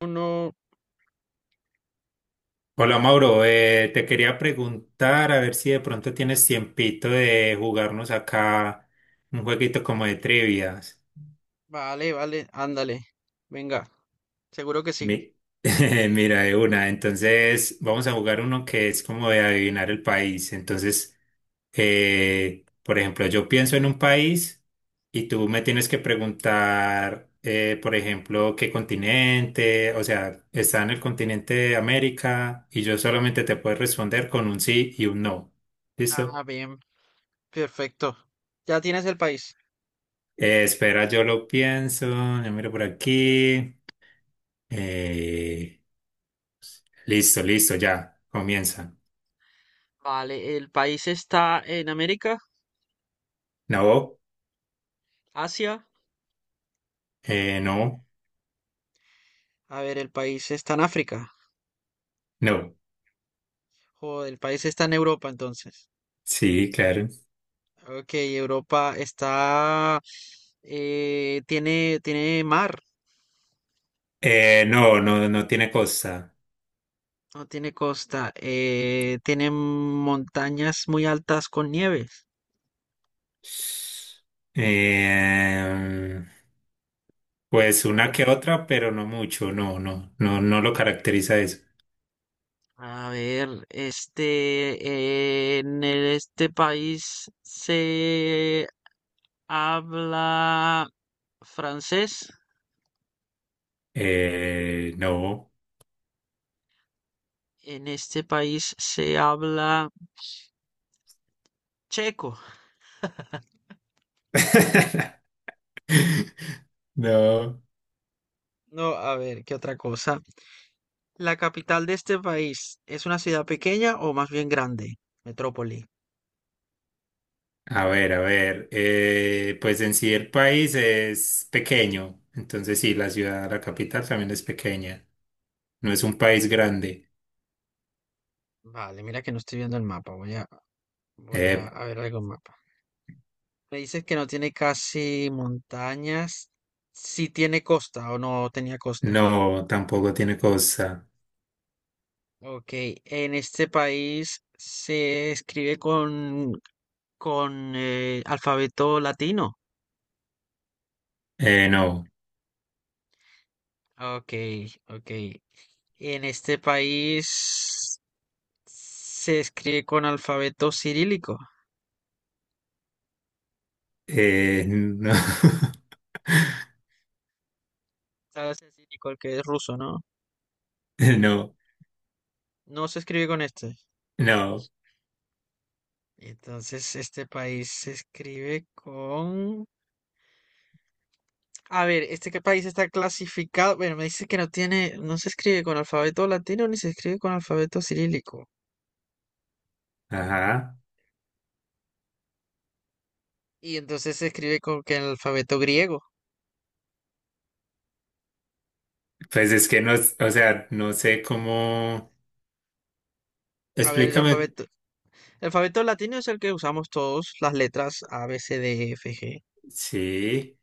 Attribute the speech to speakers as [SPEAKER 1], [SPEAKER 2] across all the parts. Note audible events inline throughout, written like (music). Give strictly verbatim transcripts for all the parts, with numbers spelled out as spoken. [SPEAKER 1] Uno,
[SPEAKER 2] Hola Mauro, eh, te quería preguntar a ver si de pronto tienes tiempito de jugarnos acá un jueguito como de trivias.
[SPEAKER 1] vale, vale, ándale. Venga, seguro que sí.
[SPEAKER 2] Mi- (laughs) Mira, de una. Entonces, vamos a jugar uno que es como de adivinar el país. Entonces, eh, por ejemplo, yo pienso en un país y tú me tienes que preguntar, eh, por ejemplo, qué continente, o sea, está en el continente de América y yo solamente te puedo responder con un sí y un no.
[SPEAKER 1] Ah,
[SPEAKER 2] ¿Listo?
[SPEAKER 1] bien, perfecto. ¿Ya tienes el país?
[SPEAKER 2] Eh, espera, yo lo pienso, yo miro por aquí. Eh, listo, listo, ya, comienza.
[SPEAKER 1] Vale, el país está en América,
[SPEAKER 2] No,
[SPEAKER 1] Asia.
[SPEAKER 2] eh, no,
[SPEAKER 1] A ver, el país está en África.
[SPEAKER 2] no.
[SPEAKER 1] Joder, el país está en Europa entonces.
[SPEAKER 2] Sí, claro.
[SPEAKER 1] Ok, Europa está... eh, tiene, tiene mar,
[SPEAKER 2] Eh, no, no, no tiene costa.
[SPEAKER 1] no tiene costa. Eh, tiene montañas muy altas con nieves.
[SPEAKER 2] Eh, pues
[SPEAKER 1] O,
[SPEAKER 2] una
[SPEAKER 1] o-
[SPEAKER 2] que otra, pero no mucho, no, no, no, no lo caracteriza eso.
[SPEAKER 1] A ver, este, eh, en el- este país se habla francés,
[SPEAKER 2] Eh, no.
[SPEAKER 1] en este país se habla checo.
[SPEAKER 2] (laughs) No.
[SPEAKER 1] No, a ver, ¿qué otra cosa? ¿La capital de este país es una ciudad pequeña o más bien grande? Metrópoli.
[SPEAKER 2] A ver, a ver, eh, pues en sí el país es pequeño, entonces sí, la ciudad, la capital también es pequeña, no es un país grande.
[SPEAKER 1] Vale, mira que no estoy viendo el mapa, voy a, voy
[SPEAKER 2] Eh,
[SPEAKER 1] a, a ver algo en mapa. Me dices que no tiene casi montañas, si tiene costa o no tenía costa.
[SPEAKER 2] no, tampoco tiene costa.
[SPEAKER 1] Ok, en este país se escribe con, con eh, alfabeto latino.
[SPEAKER 2] Eh, no.
[SPEAKER 1] Ok, ok. En este país se escribe con alfabeto cirílico.
[SPEAKER 2] Eh, no, (laughs)
[SPEAKER 1] ¿Sabes el cirílico, el que es ruso, no?
[SPEAKER 2] no,
[SPEAKER 1] No se escribe con este.
[SPEAKER 2] no.
[SPEAKER 1] Entonces, este país se escribe con... A ver, ¿este qué país está clasificado? Bueno, me dice que no tiene, no se escribe con alfabeto latino ni se escribe con alfabeto cirílico.
[SPEAKER 2] Ajá,
[SPEAKER 1] Y entonces se escribe con que el alfabeto griego.
[SPEAKER 2] pues es que no, es- o sea, no sé cómo,
[SPEAKER 1] A ver, el
[SPEAKER 2] explícame.
[SPEAKER 1] alfabeto, el alfabeto latino es el que usamos todos, las letras A, B, C, D, E, F, G.
[SPEAKER 2] Sí,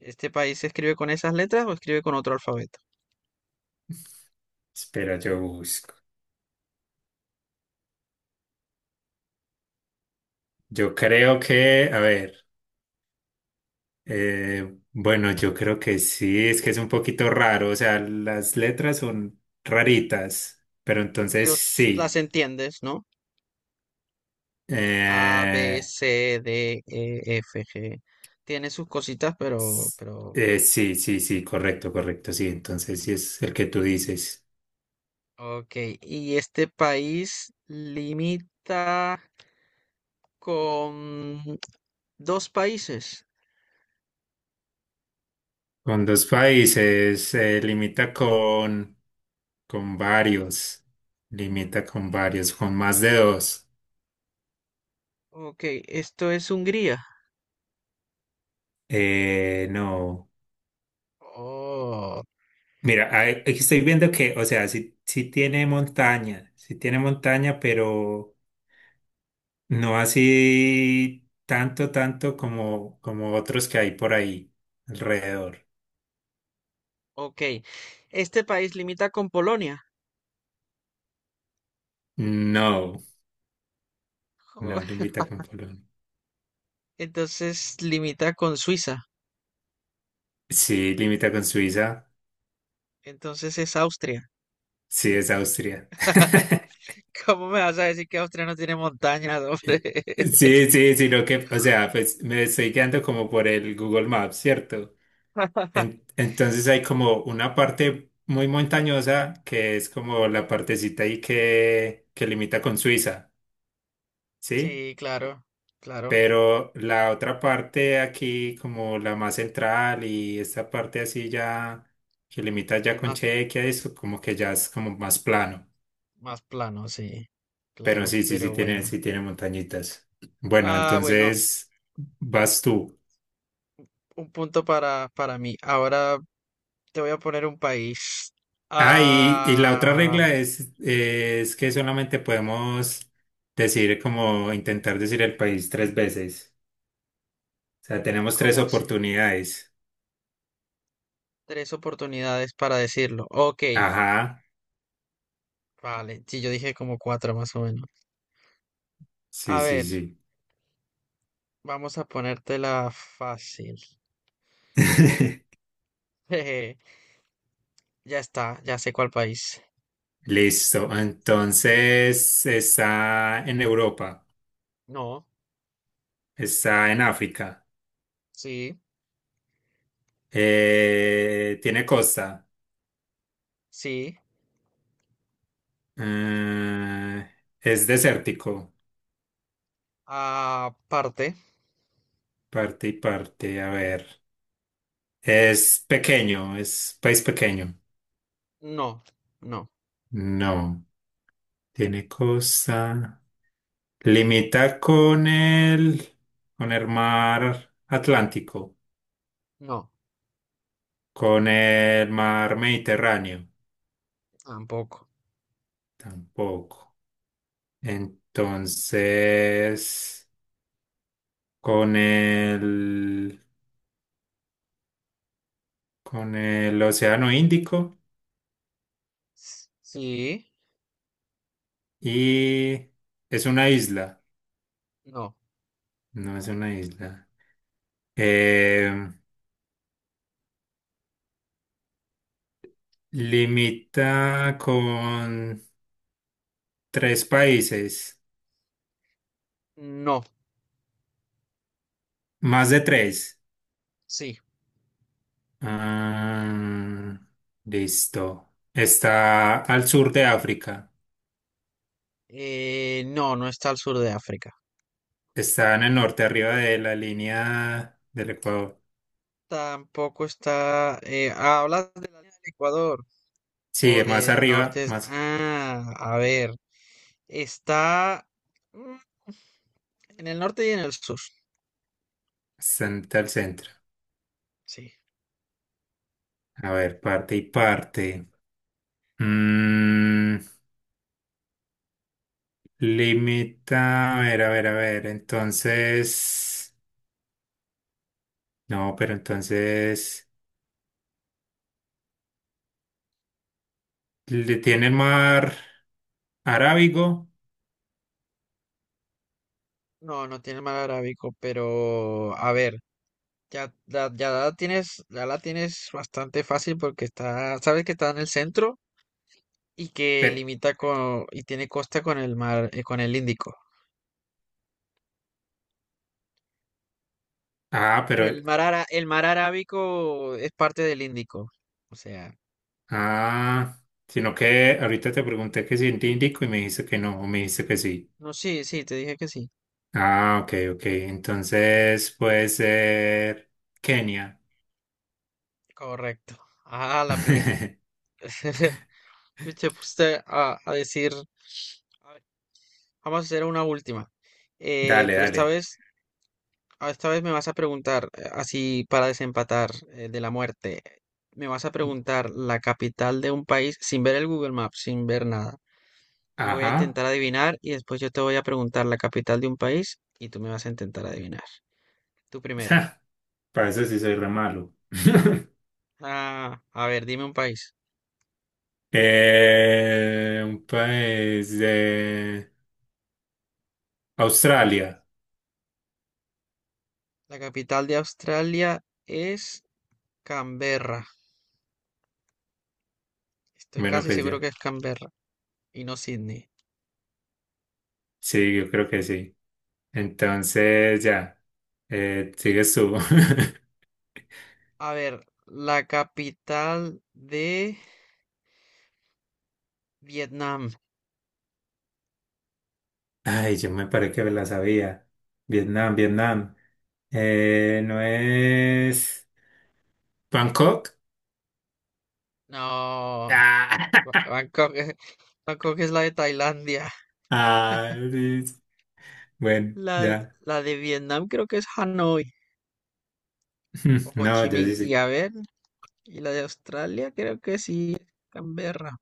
[SPEAKER 1] ¿Este país se escribe con esas letras o escribe con otro alfabeto?
[SPEAKER 2] espera, yo busco, yo creo que, a ver. Eh, bueno, yo creo que sí, es que es un poquito raro, o sea, las letras son raritas, pero entonces
[SPEAKER 1] Ellos las
[SPEAKER 2] sí.
[SPEAKER 1] entiendes, ¿no? A, B,
[SPEAKER 2] Eh,
[SPEAKER 1] C, D, E, F, G. Tiene sus cositas, pero,
[SPEAKER 2] s-
[SPEAKER 1] pero,
[SPEAKER 2] eh, sí, sí, sí, correcto, correcto, sí, entonces sí es el que tú dices.
[SPEAKER 1] ok. Y este país limita con dos países.
[SPEAKER 2] Con dos países, se limita con, con varios, limita con varios, con más de dos.
[SPEAKER 1] Ok, esto es Hungría.
[SPEAKER 2] Eh, no.
[SPEAKER 1] Oh,
[SPEAKER 2] Mira, ahí- aquí estoy viendo que, o sea, sí, sí tiene montaña, sí tiene montaña, pero no así tanto, tanto como, como otros que hay por ahí alrededor.
[SPEAKER 1] ok. Este país limita con Polonia.
[SPEAKER 2] No,
[SPEAKER 1] Oh,
[SPEAKER 2] no limita con Polonia.
[SPEAKER 1] entonces limita con Suiza.
[SPEAKER 2] Sí, limita con Suiza,
[SPEAKER 1] Entonces es Austria.
[SPEAKER 2] sí es Austria.
[SPEAKER 1] (laughs)
[SPEAKER 2] (laughs)
[SPEAKER 1] ¿Cómo me vas a decir que Austria no tiene montañas, hombre?
[SPEAKER 2] Sí, sí, sino que, o sea, pues me estoy guiando como por el Google Maps, ¿cierto? En-
[SPEAKER 1] (laughs)
[SPEAKER 2] entonces hay como una parte muy montañosa que es como la partecita ahí que, que limita con Suiza, ¿sí?
[SPEAKER 1] Sí, claro, claro.
[SPEAKER 2] Pero la otra parte aquí, como la más central y esta parte así ya que limita ya
[SPEAKER 1] Es
[SPEAKER 2] con
[SPEAKER 1] más,
[SPEAKER 2] Chequia, eso como que ya es como más plano.
[SPEAKER 1] más plano, sí,
[SPEAKER 2] Pero
[SPEAKER 1] claro,
[SPEAKER 2] sí, sí, sí
[SPEAKER 1] pero
[SPEAKER 2] tiene,
[SPEAKER 1] bueno.
[SPEAKER 2] sí tiene montañitas. Bueno,
[SPEAKER 1] Ah, bueno,
[SPEAKER 2] entonces vas tú.
[SPEAKER 1] un punto para, para mí. Ahora te voy a poner un país.
[SPEAKER 2] Ah, y, y la otra
[SPEAKER 1] Ah,
[SPEAKER 2] regla es, es que solamente podemos decir como intentar decir el país tres veces. O sea, tenemos tres
[SPEAKER 1] ¿cómo se?
[SPEAKER 2] oportunidades.
[SPEAKER 1] Tres oportunidades para decirlo. Ok,
[SPEAKER 2] Ajá,
[SPEAKER 1] vale. Sí, yo dije como cuatro más o menos.
[SPEAKER 2] sí,
[SPEAKER 1] A
[SPEAKER 2] sí,
[SPEAKER 1] ver,
[SPEAKER 2] sí.
[SPEAKER 1] vamos a ponértela fácil.
[SPEAKER 2] (laughs)
[SPEAKER 1] (laughs) Ya está, ya sé cuál país.
[SPEAKER 2] Listo. Entonces, está en Europa,
[SPEAKER 1] No,
[SPEAKER 2] está en África,
[SPEAKER 1] sí,
[SPEAKER 2] eh, tiene costa,
[SPEAKER 1] sí.
[SPEAKER 2] mm, es desértico,
[SPEAKER 1] Aparte,
[SPEAKER 2] parte y parte. A ver, es pequeño, es país pequeño.
[SPEAKER 1] no, no,
[SPEAKER 2] No. Tiene costa. Limita con el, con el mar Atlántico,
[SPEAKER 1] no,
[SPEAKER 2] con el mar Mediterráneo,
[SPEAKER 1] tampoco.
[SPEAKER 2] tampoco. Entonces, con el, con el Océano Índico
[SPEAKER 1] S- Sí,
[SPEAKER 2] y es una isla,
[SPEAKER 1] no,
[SPEAKER 2] no es una isla. Eh, limita con tres países,
[SPEAKER 1] no,
[SPEAKER 2] más de tres.
[SPEAKER 1] sí.
[SPEAKER 2] Ah, listo. Está al sur de África.
[SPEAKER 1] Eh, no, no está al sur de África.
[SPEAKER 2] Está en el norte, arriba de la línea del Ecuador.
[SPEAKER 1] Tampoco está... eh, ah, hablas de la línea del Ecuador o
[SPEAKER 2] Sí, más
[SPEAKER 1] del
[SPEAKER 2] arriba,
[SPEAKER 1] norte. es-
[SPEAKER 2] más
[SPEAKER 1] Ah, a ver. Está mm, en el norte y en el sur.
[SPEAKER 2] hasta al centro.
[SPEAKER 1] Sí.
[SPEAKER 2] A ver, parte y parte. Mm, limita, a ver, a ver, a ver. Entonces, no, pero entonces le tiene el mar Arábigo.
[SPEAKER 1] No, no tiene el mar Arábico, pero a ver, ya, la- ya la tienes, ya la tienes bastante fácil porque está, sabes que está en el centro y que
[SPEAKER 2] Pero,
[SPEAKER 1] limita con, y tiene costa con el mar, eh, con el Índico.
[SPEAKER 2] ah, pero
[SPEAKER 1] Bueno, el mar, ara- el mar Arábico es parte del Índico. O sea,
[SPEAKER 2] ah, sino que ahorita te pregunté que si en Índico y me dijiste que no, o me dijiste que sí.
[SPEAKER 1] no, sí, sí, te dije que sí.
[SPEAKER 2] Ah, ok, ok. Entonces puede ser Kenia.
[SPEAKER 1] Correcto. Ah, la primera.
[SPEAKER 2] (laughs)
[SPEAKER 1] (laughs) Pues te puse a, a decir. A ver, vamos a hacer una última. Eh,
[SPEAKER 2] Dale,
[SPEAKER 1] pero esta
[SPEAKER 2] dale.
[SPEAKER 1] vez, a- esta vez me vas a preguntar, eh, así para desempatar eh, de la muerte, me vas a preguntar la capital de un país sin ver el Google Maps, sin ver nada. Y voy a
[SPEAKER 2] Ajá.
[SPEAKER 1] intentar
[SPEAKER 2] (laughs)
[SPEAKER 1] adivinar y después yo te voy a preguntar la capital de un país y tú me vas a intentar adivinar. Tú primero.
[SPEAKER 2] Ja, para eso sí soy re malo. (laughs)
[SPEAKER 1] Ah, a ver, dime un país.
[SPEAKER 2] Eh, un país de Australia.
[SPEAKER 1] La capital de Australia es Canberra. Estoy
[SPEAKER 2] Bueno,
[SPEAKER 1] casi
[SPEAKER 2] pues
[SPEAKER 1] seguro
[SPEAKER 2] ya.
[SPEAKER 1] que es Canberra y no Sydney.
[SPEAKER 2] Sí, yo creo que sí. Entonces, ya. Eh,
[SPEAKER 1] Y
[SPEAKER 2] sigues tú. (laughs)
[SPEAKER 1] a ver, la capital de Vietnam.
[SPEAKER 2] Ay, yo me parece que me la sabía. Vietnam, Vietnam. Eh, ¿no es Bangkok?
[SPEAKER 1] No,
[SPEAKER 2] Ah,
[SPEAKER 1] Ba-
[SPEAKER 2] (laughs)
[SPEAKER 1] Bangkok, es- Bangkok es la de Tailandia.
[SPEAKER 2] ah, sí, sí. Bueno,
[SPEAKER 1] La,
[SPEAKER 2] ya.
[SPEAKER 1] la de Vietnam creo que es Hanoi o
[SPEAKER 2] (laughs)
[SPEAKER 1] Ho
[SPEAKER 2] No,
[SPEAKER 1] Chi
[SPEAKER 2] ya
[SPEAKER 1] Minh.
[SPEAKER 2] sí,
[SPEAKER 1] Y
[SPEAKER 2] sí.
[SPEAKER 1] a ver, y la de Australia creo que sí es Canberra.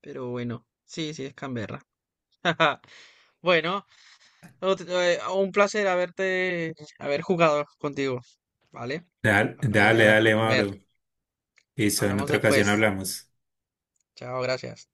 [SPEAKER 1] Pero bueno, sí, sí es Canberra. (laughs) Bueno, no, t- eh, un placer haberte, haber jugado contigo, ¿vale?
[SPEAKER 2] Dale,
[SPEAKER 1] Ahora voy
[SPEAKER 2] dale,
[SPEAKER 1] a, a
[SPEAKER 2] dale,
[SPEAKER 1] comer.
[SPEAKER 2] Mauro. Listo, en
[SPEAKER 1] Hablamos
[SPEAKER 2] otra ocasión
[SPEAKER 1] después.
[SPEAKER 2] hablamos.
[SPEAKER 1] Chao, gracias.